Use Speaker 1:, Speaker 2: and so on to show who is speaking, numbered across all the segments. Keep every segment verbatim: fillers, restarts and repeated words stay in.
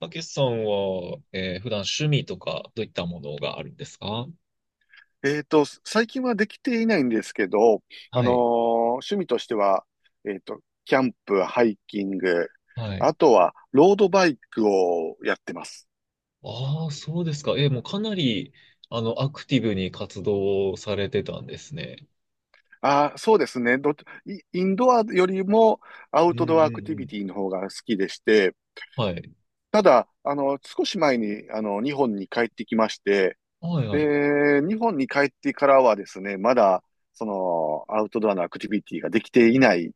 Speaker 1: たけしさんは、えー普段趣味とかどういったものがあるんですか？
Speaker 2: えっと、最近はできていないんですけど、あ
Speaker 1: は
Speaker 2: のー
Speaker 1: い。
Speaker 2: 趣味としては、えっと、キャンプ、ハイキング、
Speaker 1: はい。
Speaker 2: あとは、ロードバイクをやってます。
Speaker 1: ああ、そうですか。えーもうかなり、あの、アクティブに活動されてたんですね。
Speaker 2: ああ、そうですね。どっち、イインドアよりもア
Speaker 1: う
Speaker 2: ウ
Speaker 1: んうん
Speaker 2: トドアアク
Speaker 1: う
Speaker 2: ティビ
Speaker 1: ん。
Speaker 2: ティの方が好きでして、
Speaker 1: はい。
Speaker 2: ただ、あの、少し前に、あの、日本に帰ってきまして、
Speaker 1: はいはい。
Speaker 2: で、日本に帰ってからはですね、まだ、その、アウトドアのアクティビティができていない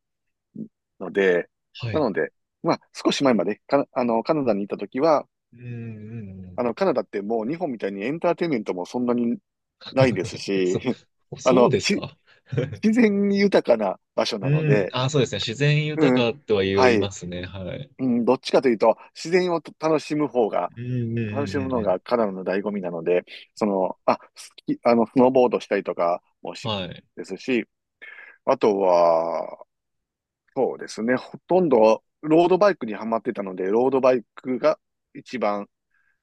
Speaker 2: ので、
Speaker 1: は
Speaker 2: な
Speaker 1: い。
Speaker 2: ので、まあ、少し前まで、か、あの、カナダにいたときは、
Speaker 1: うん。うんう
Speaker 2: あ
Speaker 1: ん。
Speaker 2: の、カナダってもう日本みたいにエンターテインメントもそんなにないですし、
Speaker 1: そ、
Speaker 2: あ
Speaker 1: そう
Speaker 2: の、
Speaker 1: です
Speaker 2: し、
Speaker 1: か。
Speaker 2: 自然豊かな場所
Speaker 1: う
Speaker 2: なの
Speaker 1: ん。
Speaker 2: で、
Speaker 1: ああ、そうですね。自然豊
Speaker 2: うん、
Speaker 1: かとは
Speaker 2: は
Speaker 1: 言い
Speaker 2: い、
Speaker 1: ますね。はい。
Speaker 2: うん、どっちかというと、自然を楽しむ方が、
Speaker 1: うん。ううんう
Speaker 2: 楽
Speaker 1: ん
Speaker 2: しむ
Speaker 1: うん
Speaker 2: の
Speaker 1: うん。
Speaker 2: がカナダの醍醐味なので、その、あ、スキ、あの、スノーボードしたりとかもし、
Speaker 1: はい。
Speaker 2: ですし、あとは、そうですね。ほとんどロードバイクにはまってたので、ロードバイクが一番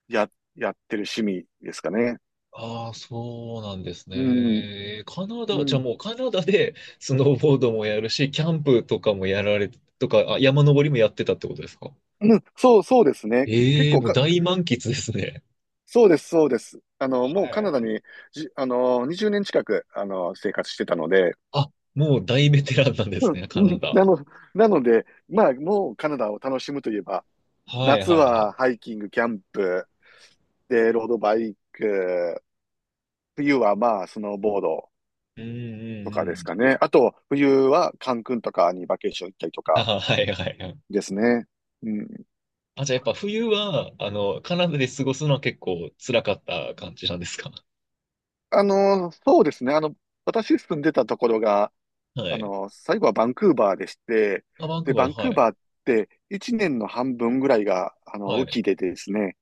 Speaker 2: や、やってる趣味ですかね。
Speaker 1: ああ、そうなんです
Speaker 2: うん。
Speaker 1: ね。カナ
Speaker 2: う
Speaker 1: ダ、じゃあ
Speaker 2: ん。
Speaker 1: もうカナダでスノーボードもやるし、キャンプとかもやられ、とか、あ、山登りもやってたってことですか？
Speaker 2: うん、そう、そうですね。結
Speaker 1: ええー、
Speaker 2: 構
Speaker 1: もう
Speaker 2: か、
Speaker 1: 大満喫ですね。
Speaker 2: そうです、そうです。あの、
Speaker 1: は
Speaker 2: もうカナ
Speaker 1: い。
Speaker 2: ダにじ、あの、にじゅうねん近く、あの、生活してたので、
Speaker 1: あ、もう大ベテランなんで
Speaker 2: う
Speaker 1: す
Speaker 2: ん、
Speaker 1: ね、カ
Speaker 2: う
Speaker 1: ナ
Speaker 2: ん
Speaker 1: ダ。
Speaker 2: なの、なので、まあ、もうカナダを楽しむといえば、
Speaker 1: はい
Speaker 2: 夏
Speaker 1: はいはい。
Speaker 2: はハイキング、キャンプ、で、ロードバイク、冬はまあ、スノーボード
Speaker 1: うんう
Speaker 2: と
Speaker 1: んう
Speaker 2: かです
Speaker 1: ん。
Speaker 2: かね。あと、冬はカンクンとかにバケーション行ったりと
Speaker 1: あ、
Speaker 2: か
Speaker 1: はいはいはい。
Speaker 2: ですね。うん。
Speaker 1: あ、じゃあやっぱ冬は、あの、カナダで過ごすのは結構辛かった感じなんですか？
Speaker 2: あの、そうですね。あの、私住んでたところが、
Speaker 1: は
Speaker 2: あ
Speaker 1: い。
Speaker 2: の、最後はバンクーバーでして、
Speaker 1: あ、バン
Speaker 2: で、
Speaker 1: クーバー
Speaker 2: バ
Speaker 1: の、
Speaker 2: ンクー
Speaker 1: はい。
Speaker 2: バーっていちねんの半分ぐらいが、あの、
Speaker 1: は
Speaker 2: 雨
Speaker 1: い。
Speaker 2: 季でですね。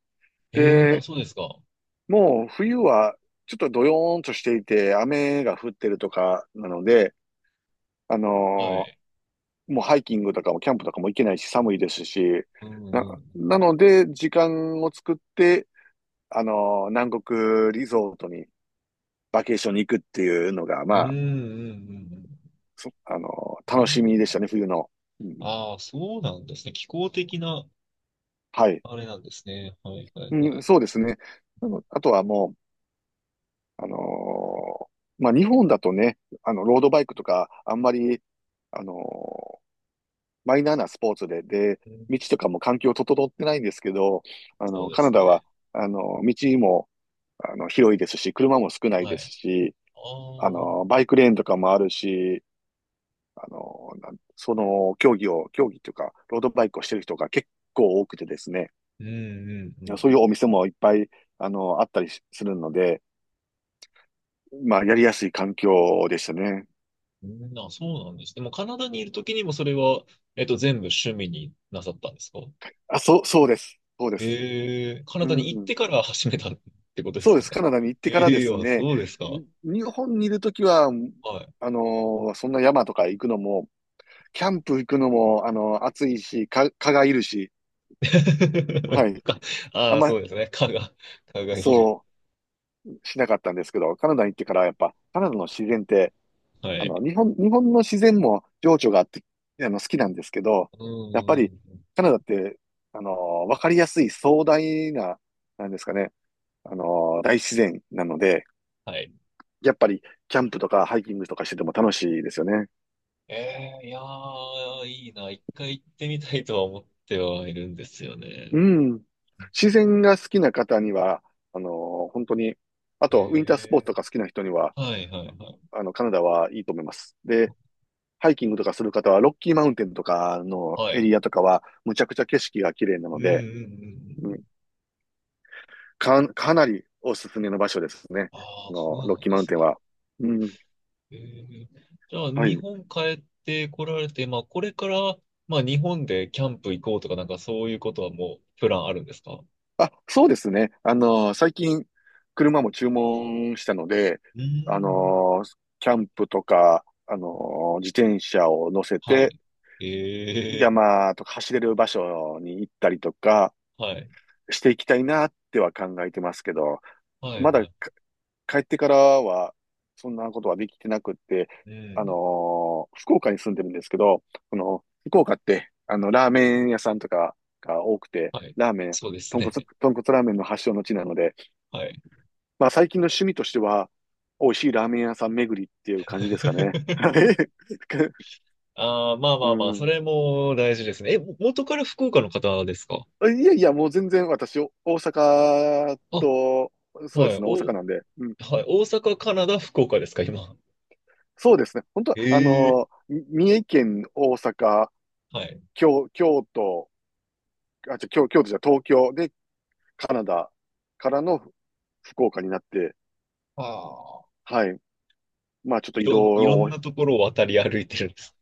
Speaker 1: ええー、あ、
Speaker 2: で、
Speaker 1: そうですか。
Speaker 2: もう冬はちょっとドヨーンとしていて、雨が降ってるとかなので、あ
Speaker 1: は
Speaker 2: の、
Speaker 1: い。
Speaker 2: もうハイキングとかもキャンプとかも行けないし寒いですし、
Speaker 1: うん
Speaker 2: な、
Speaker 1: うん。
Speaker 2: なので、時間を作って、あの、南国リゾートにバケーションに行くっていうのが、
Speaker 1: う
Speaker 2: ま
Speaker 1: ん、うん、う
Speaker 2: あ、
Speaker 1: ん、
Speaker 2: そ、あの、
Speaker 1: うん。う
Speaker 2: 楽しみでした
Speaker 1: ん。
Speaker 2: ね、冬の。うん、
Speaker 1: ああ、そうなんですね。気候的な、
Speaker 2: はい。
Speaker 1: あれなんですね。はい、はい、は
Speaker 2: う
Speaker 1: い。
Speaker 2: ん、そうですね。あのあとはもう、あのーまあ、日本だとね、あの、ロードバイクとか、あんまり、あのーマイナーなスポーツで、で、
Speaker 1: うん。
Speaker 2: 道とかも環境整ってないんですけど、あ
Speaker 1: そう
Speaker 2: の、
Speaker 1: で
Speaker 2: カナ
Speaker 1: す
Speaker 2: ダ
Speaker 1: ね。
Speaker 2: は、あの、道も、あの、広いですし、車も少ない
Speaker 1: は
Speaker 2: です
Speaker 1: い。
Speaker 2: し、
Speaker 1: あ
Speaker 2: あ
Speaker 1: あ、
Speaker 2: の、バイクレーンとかもあるし、あの、なんその競技を、競技というか、ロードバイクをしてる人が結構多くてですね、
Speaker 1: うん、うん、う
Speaker 2: そうい
Speaker 1: ん。
Speaker 2: うお店もいっぱい、あの、あったりしするので、まあ、やりやすい環境でしたね。
Speaker 1: うん。あ、そうなんです。でも、カナダにいるときにもそれは、えっと、全部趣味になさったんですか？
Speaker 2: あ、そう、そうです。そうです。
Speaker 1: ええ、カナ
Speaker 2: う
Speaker 1: ダに行っ
Speaker 2: ん。
Speaker 1: てから始めたってことで
Speaker 2: そ
Speaker 1: す
Speaker 2: うで
Speaker 1: よ
Speaker 2: す。カ
Speaker 1: ね。
Speaker 2: ナダに行っ てからで
Speaker 1: ええ、
Speaker 2: す
Speaker 1: あ、
Speaker 2: ね、
Speaker 1: そうですか。
Speaker 2: に日本にいるときは、
Speaker 1: はい。
Speaker 2: あの、そんな山とか行くのも、キャンプ行くのも、あの、暑いし、か蚊がいるし、は い。
Speaker 1: か、
Speaker 2: あ
Speaker 1: あ
Speaker 2: ん
Speaker 1: あ、
Speaker 2: ま、
Speaker 1: そうですね。蚊が、蚊がいる。
Speaker 2: そう、しなかったんですけど、カナダに行ってからやっぱ、カナダの自然って、
Speaker 1: は
Speaker 2: あの、
Speaker 1: い。
Speaker 2: 日本、日本の自然も情緒があって、あの、好きなんですけど、
Speaker 1: うん、
Speaker 2: やっぱ
Speaker 1: う
Speaker 2: り
Speaker 1: んうん。
Speaker 2: カナダって、あの、わかりやすい壮大な、なんですかね、あの、大自然なので、
Speaker 1: はい。
Speaker 2: やっぱりキャンプとかハイキングとかしてても楽しいですよね。
Speaker 1: ええ、いやー、いいな。一回行ってみたいとは思ってはいるんですよね。
Speaker 2: うん。自然が好きな方には、あの、本当に、あ
Speaker 1: え
Speaker 2: と、ウィンタースポーツ
Speaker 1: え。
Speaker 2: とか好きな人には、
Speaker 1: はいはいはい。
Speaker 2: あの、カナダはいいと思います。で、ハイキングとかする方は、ロッキーマウンテンとかの
Speaker 1: は
Speaker 2: エ
Speaker 1: い。
Speaker 2: リアとかは、むちゃくちゃ景色が綺麗な
Speaker 1: う
Speaker 2: の
Speaker 1: んうん
Speaker 2: で、う
Speaker 1: う
Speaker 2: ん
Speaker 1: ん。
Speaker 2: か、かなりおすすめの場所ですね。
Speaker 1: ああ、
Speaker 2: あ
Speaker 1: そ
Speaker 2: の、
Speaker 1: う
Speaker 2: ロッ
Speaker 1: なん
Speaker 2: キー
Speaker 1: で
Speaker 2: マウン
Speaker 1: す
Speaker 2: テン
Speaker 1: ね。
Speaker 2: は。うん。
Speaker 1: ええ、じゃあ、
Speaker 2: は
Speaker 1: 日
Speaker 2: い。
Speaker 1: 本帰ってこられて、まあ、これから、まあ、日本でキャンプ行こうとか、なんかそういうことはもう、プランあるんですか？
Speaker 2: あ、そうですね。あの、最近、車も注文したので、
Speaker 1: う
Speaker 2: あ
Speaker 1: ん。
Speaker 2: の、キャンプとか、あの、自転車を乗せ
Speaker 1: は
Speaker 2: て、
Speaker 1: い。ええ。
Speaker 2: 山とか走れる場所に行ったりとか
Speaker 1: はい。
Speaker 2: していきたいなっては考えてますけど、
Speaker 1: はい
Speaker 2: まだ
Speaker 1: はい。
Speaker 2: 帰ってからは、そんなことはできてなくって、
Speaker 1: う
Speaker 2: あの
Speaker 1: ん。
Speaker 2: ー福岡に住んでるんですけど、この、福岡って、あの、ラーメン屋さんとかが多くて、
Speaker 1: はい。
Speaker 2: ラーメン、
Speaker 1: そうです
Speaker 2: 豚骨、
Speaker 1: ね。
Speaker 2: 豚骨ラーメンの発祥の地なので、
Speaker 1: はい。
Speaker 2: まあ最近の趣味としては、美味しいラーメン屋さん巡りっていう感じですかね。はい。
Speaker 1: ああ、まあ ま
Speaker 2: う
Speaker 1: あまあ、そ
Speaker 2: ん。
Speaker 1: れも大事ですね。え、も元から福岡の方ですか？
Speaker 2: いやいや、もう全然私、お大阪
Speaker 1: あ、は
Speaker 2: と、そうで
Speaker 1: い。
Speaker 2: すね、大
Speaker 1: お、
Speaker 2: 阪なんで、うん。
Speaker 1: はい。大阪、カナダ、福岡ですか、今。
Speaker 2: そうですね。本当は、あ
Speaker 1: え
Speaker 2: の
Speaker 1: え。
Speaker 2: み三重県、大阪、
Speaker 1: はい。
Speaker 2: 京、京都、あ、じゃ、京、京都じゃ東京でカナダからの福岡になって、
Speaker 1: ああ、
Speaker 2: はい。まあちょっと
Speaker 1: い
Speaker 2: 移動
Speaker 1: ろん、いろん
Speaker 2: を、
Speaker 1: なところを渡り歩いてるんです。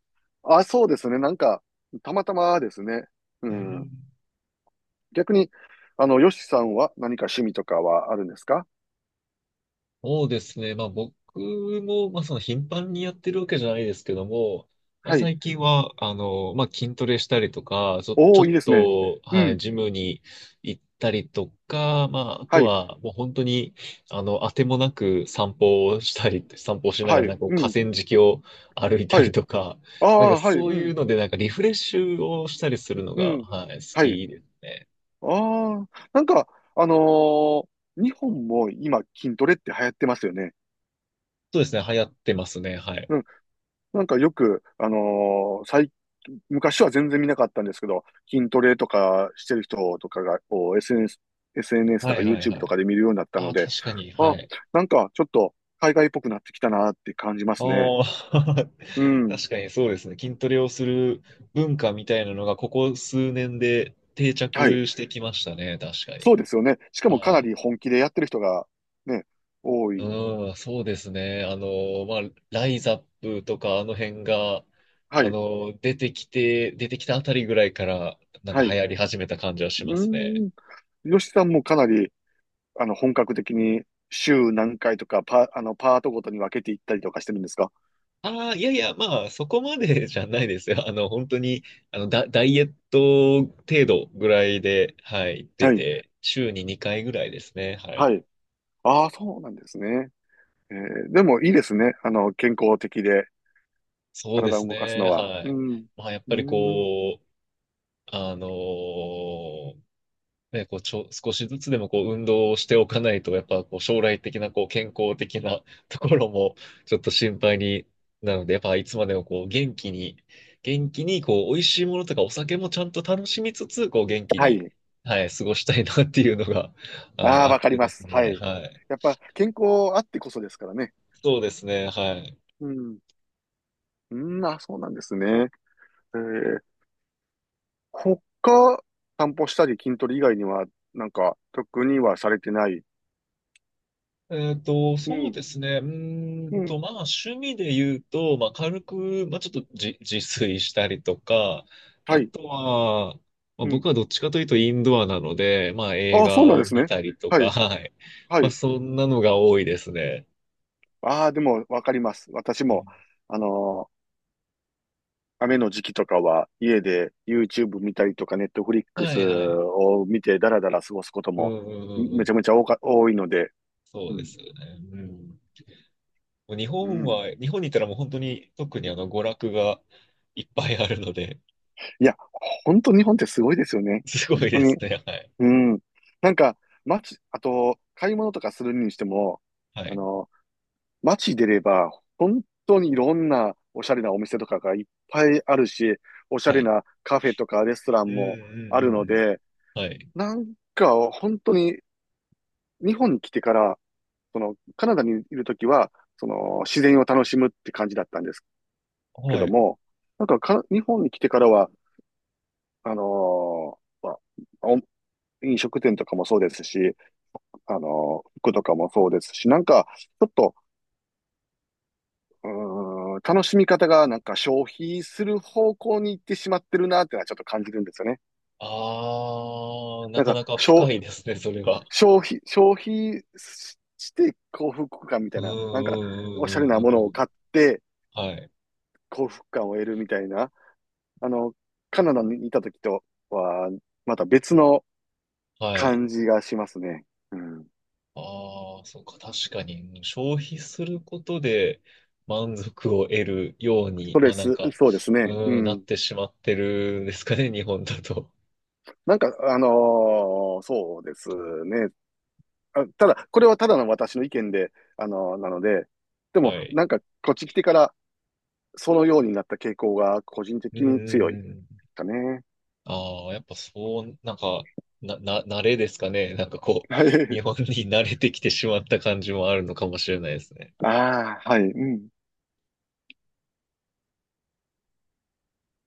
Speaker 2: あ、そうですね。なんか、たまたまですね。う
Speaker 1: う
Speaker 2: ん。
Speaker 1: ん。
Speaker 2: 逆に、あの、ヨシさんは何か趣味とかはあるんですか？
Speaker 1: そうですね。まあ僕も、まあその頻繁にやってるわけじゃないですけども、まあ
Speaker 2: はい。
Speaker 1: 最近は、あの、まあ筋トレしたりとか、ちょ、
Speaker 2: お
Speaker 1: ちょ
Speaker 2: お、
Speaker 1: っ
Speaker 2: いいですね。
Speaker 1: と、
Speaker 2: う
Speaker 1: はい、
Speaker 2: ん。
Speaker 1: ジムに行ったりとか、まああと
Speaker 2: はい。
Speaker 1: はもう本当に、あの、あてもなく散歩をしたり、散歩をしなが
Speaker 2: は
Speaker 1: ら
Speaker 2: い。
Speaker 1: なんかこう
Speaker 2: う
Speaker 1: 河
Speaker 2: ん。
Speaker 1: 川敷を歩いた
Speaker 2: は
Speaker 1: り
Speaker 2: い。
Speaker 1: とか、
Speaker 2: あ
Speaker 1: なんか
Speaker 2: あ、はい。
Speaker 1: そ
Speaker 2: う
Speaker 1: うい
Speaker 2: ん。
Speaker 1: うのでなんかリフレッシュをしたりするの
Speaker 2: う
Speaker 1: が、
Speaker 2: ん。
Speaker 1: はい、好
Speaker 2: はい。
Speaker 1: きで。
Speaker 2: ああ、なんか、あのー日本も今筋トレって流行ってますよね。
Speaker 1: そうですね。流行ってますね。はい。
Speaker 2: なんかよく、あのー最、昔は全然見なかったんですけど、筋トレとかしてる人とかが、こう エスエヌエス、エスエヌエス と
Speaker 1: は
Speaker 2: か
Speaker 1: いはい
Speaker 2: YouTube
Speaker 1: は
Speaker 2: とか
Speaker 1: い。
Speaker 2: で見るようになった
Speaker 1: あ
Speaker 2: の
Speaker 1: あ、
Speaker 2: で、
Speaker 1: 確かに。は
Speaker 2: あ、
Speaker 1: い。
Speaker 2: なんかちょっと海外っぽくなってきたなって感じま
Speaker 1: あ
Speaker 2: すね。
Speaker 1: あ、
Speaker 2: う ん。
Speaker 1: 確かにそうですね。筋トレをする文化みたいなのが、ここ数年で定
Speaker 2: はい。
Speaker 1: 着してきましたね。確か
Speaker 2: そ
Speaker 1: に。
Speaker 2: うですよね。しか
Speaker 1: は
Speaker 2: もかな
Speaker 1: い。
Speaker 2: り本気でやってる人がね、多い。
Speaker 1: うん、そうですね。あの、まあ、ライザップとか、あの辺が、
Speaker 2: は
Speaker 1: あ
Speaker 2: い。
Speaker 1: の、出てきて、出てきたあたりぐらいから、なん
Speaker 2: は
Speaker 1: か
Speaker 2: い。
Speaker 1: 流
Speaker 2: う
Speaker 1: 行り始めた感じはしますね。
Speaker 2: ーん。吉さんもかなり、あの、本格的に週何回とか、パ、あの、パートごとに分けていったりとかしてるんですか？
Speaker 1: ああ、いやいや、まあ、そこまで じゃないですよ。あの、本当に、あの、ダ、ダイエット程度ぐらいで、はい、行って
Speaker 2: はい。
Speaker 1: て、週ににかいぐらいですね。はい。
Speaker 2: はい。ああ、そうなんですね。えーでもいいですね。あの、健康的で
Speaker 1: そうで
Speaker 2: 体
Speaker 1: す
Speaker 2: を動かす
Speaker 1: ね。
Speaker 2: のは。
Speaker 1: は
Speaker 2: う
Speaker 1: い。
Speaker 2: ん。
Speaker 1: まあ、やっ
Speaker 2: う
Speaker 1: ぱり
Speaker 2: ん。
Speaker 1: こう、あのーね、こう、ちょ、少しずつでもこう、運動をしておかないと、やっぱこう、将来的なこう、健康的な ところも、ちょっと心配になるので、やっぱいつまでもこう、元気に、元気に、こう、美味しいものとかお酒もちゃんと楽しみつつ、こう、元気
Speaker 2: は
Speaker 1: に、
Speaker 2: い。
Speaker 1: はい、過ごしたいなっていうのが、はい、
Speaker 2: ああ、
Speaker 1: あ
Speaker 2: わ
Speaker 1: っ
Speaker 2: かり
Speaker 1: て
Speaker 2: ま
Speaker 1: です
Speaker 2: す。は
Speaker 1: ね、
Speaker 2: い。
Speaker 1: はい。
Speaker 2: やっぱ健康あってこそですからね。
Speaker 1: そうですね、はい。
Speaker 2: うん。うん、あ、そうなんですね。えー、他、散歩したり筋トレ以外には、なんか、特にはされてない。
Speaker 1: えっと、
Speaker 2: う
Speaker 1: そう
Speaker 2: ん。
Speaker 1: ですね。うー
Speaker 2: う
Speaker 1: んと、
Speaker 2: ん。
Speaker 1: まあ、趣味で言うと、まあ、軽く、まあ、ちょっと自、自炊したりとか、
Speaker 2: は
Speaker 1: あ
Speaker 2: い。
Speaker 1: とは、まあ、
Speaker 2: うん。
Speaker 1: 僕はどっちかというとインドアなので、まあ、映
Speaker 2: ああ、そう
Speaker 1: 画
Speaker 2: なん
Speaker 1: を
Speaker 2: です
Speaker 1: 見
Speaker 2: ね。
Speaker 1: たりと
Speaker 2: は
Speaker 1: か、
Speaker 2: い。
Speaker 1: はい。
Speaker 2: は
Speaker 1: まあ、
Speaker 2: い。
Speaker 1: そんなのが多いですね。
Speaker 2: ああ、でもわかります。私
Speaker 1: う
Speaker 2: も、
Speaker 1: ん。
Speaker 2: あの雨の時期とかは家で YouTube 見たりとか
Speaker 1: は
Speaker 2: Netflix
Speaker 1: いはい。
Speaker 2: を見てダラダラ過ごすこと
Speaker 1: う
Speaker 2: も
Speaker 1: んうんうんう
Speaker 2: めちゃ
Speaker 1: ん。
Speaker 2: めちゃ多か、多いので、
Speaker 1: そう
Speaker 2: う
Speaker 1: で
Speaker 2: ん。
Speaker 1: すよね。うん。もう日
Speaker 2: う
Speaker 1: 本
Speaker 2: ん。
Speaker 1: は、日本にいたらもう本当に特にあの、娯楽がいっぱいあるので、
Speaker 2: いや、本当日本ってすごいですよね。
Speaker 1: すご
Speaker 2: 本
Speaker 1: い
Speaker 2: 当
Speaker 1: で
Speaker 2: に。
Speaker 1: すね。はい。
Speaker 2: うん。なんか、街、あと、買い物とかするにしても、
Speaker 1: は
Speaker 2: あ
Speaker 1: い。
Speaker 2: の、街出れば、本当にいろんなおしゃれなお店とかがいっぱいあるし、おしゃ
Speaker 1: は
Speaker 2: れ
Speaker 1: い。
Speaker 2: なカフェとかレストラ
Speaker 1: う
Speaker 2: ン
Speaker 1: んうん
Speaker 2: もあ
Speaker 1: う
Speaker 2: る
Speaker 1: ん
Speaker 2: ので、
Speaker 1: うん。はい。
Speaker 2: なんか、本当に日本に来てから、その、カナダにいるときは、その、自然を楽しむって感じだったんですけ
Speaker 1: は
Speaker 2: ど
Speaker 1: い。
Speaker 2: も、なんかか、日本に来てからは、あのーまあお飲食店とかもそうですし、あのー服とかもそうですし、なんか、ちょっと、うーん、楽しみ方がなんか消費する方向に行ってしまってるなってのはちょっと感じるんですよね。
Speaker 1: ああ、な
Speaker 2: なん
Speaker 1: か
Speaker 2: か、
Speaker 1: なか
Speaker 2: 消、
Speaker 1: 深いですね、それは。
Speaker 2: 消費、消費しして幸福感みた
Speaker 1: う
Speaker 2: い
Speaker 1: んう
Speaker 2: な、なんか、おしゃ
Speaker 1: ん
Speaker 2: れ
Speaker 1: うんうん
Speaker 2: な
Speaker 1: う
Speaker 2: も
Speaker 1: んう
Speaker 2: のを
Speaker 1: ん。
Speaker 2: 買って
Speaker 1: はい。
Speaker 2: 幸福感を得るみたいな、あの、カナダにいた時とは、また別の
Speaker 1: はい。
Speaker 2: 感じがしますね。うん。
Speaker 1: ああ、そうか、確かに、うん、消費することで満足を得るよう
Speaker 2: ス
Speaker 1: に、
Speaker 2: ト
Speaker 1: ま
Speaker 2: レ
Speaker 1: あなん
Speaker 2: ス、
Speaker 1: か、
Speaker 2: そうですね。う
Speaker 1: うん、なっ
Speaker 2: ん。
Speaker 1: てしまってるんですかね、日本だと。
Speaker 2: なんか、あのーそうですね。あ、ただ、これはただの私の意見で、あのーなので、でも、
Speaker 1: はい。
Speaker 2: なんか、こっち来てから、そのようになった傾向が個人
Speaker 1: うん
Speaker 2: 的
Speaker 1: うん
Speaker 2: に強い
Speaker 1: うん。
Speaker 2: かね。
Speaker 1: ああ、やっぱそう、なんか、な、な、慣れですかね。なんかこ う、
Speaker 2: はい。
Speaker 1: 日本に慣れてきてしまった感じもあるのかもしれないですね。
Speaker 2: ああ、はい。うん。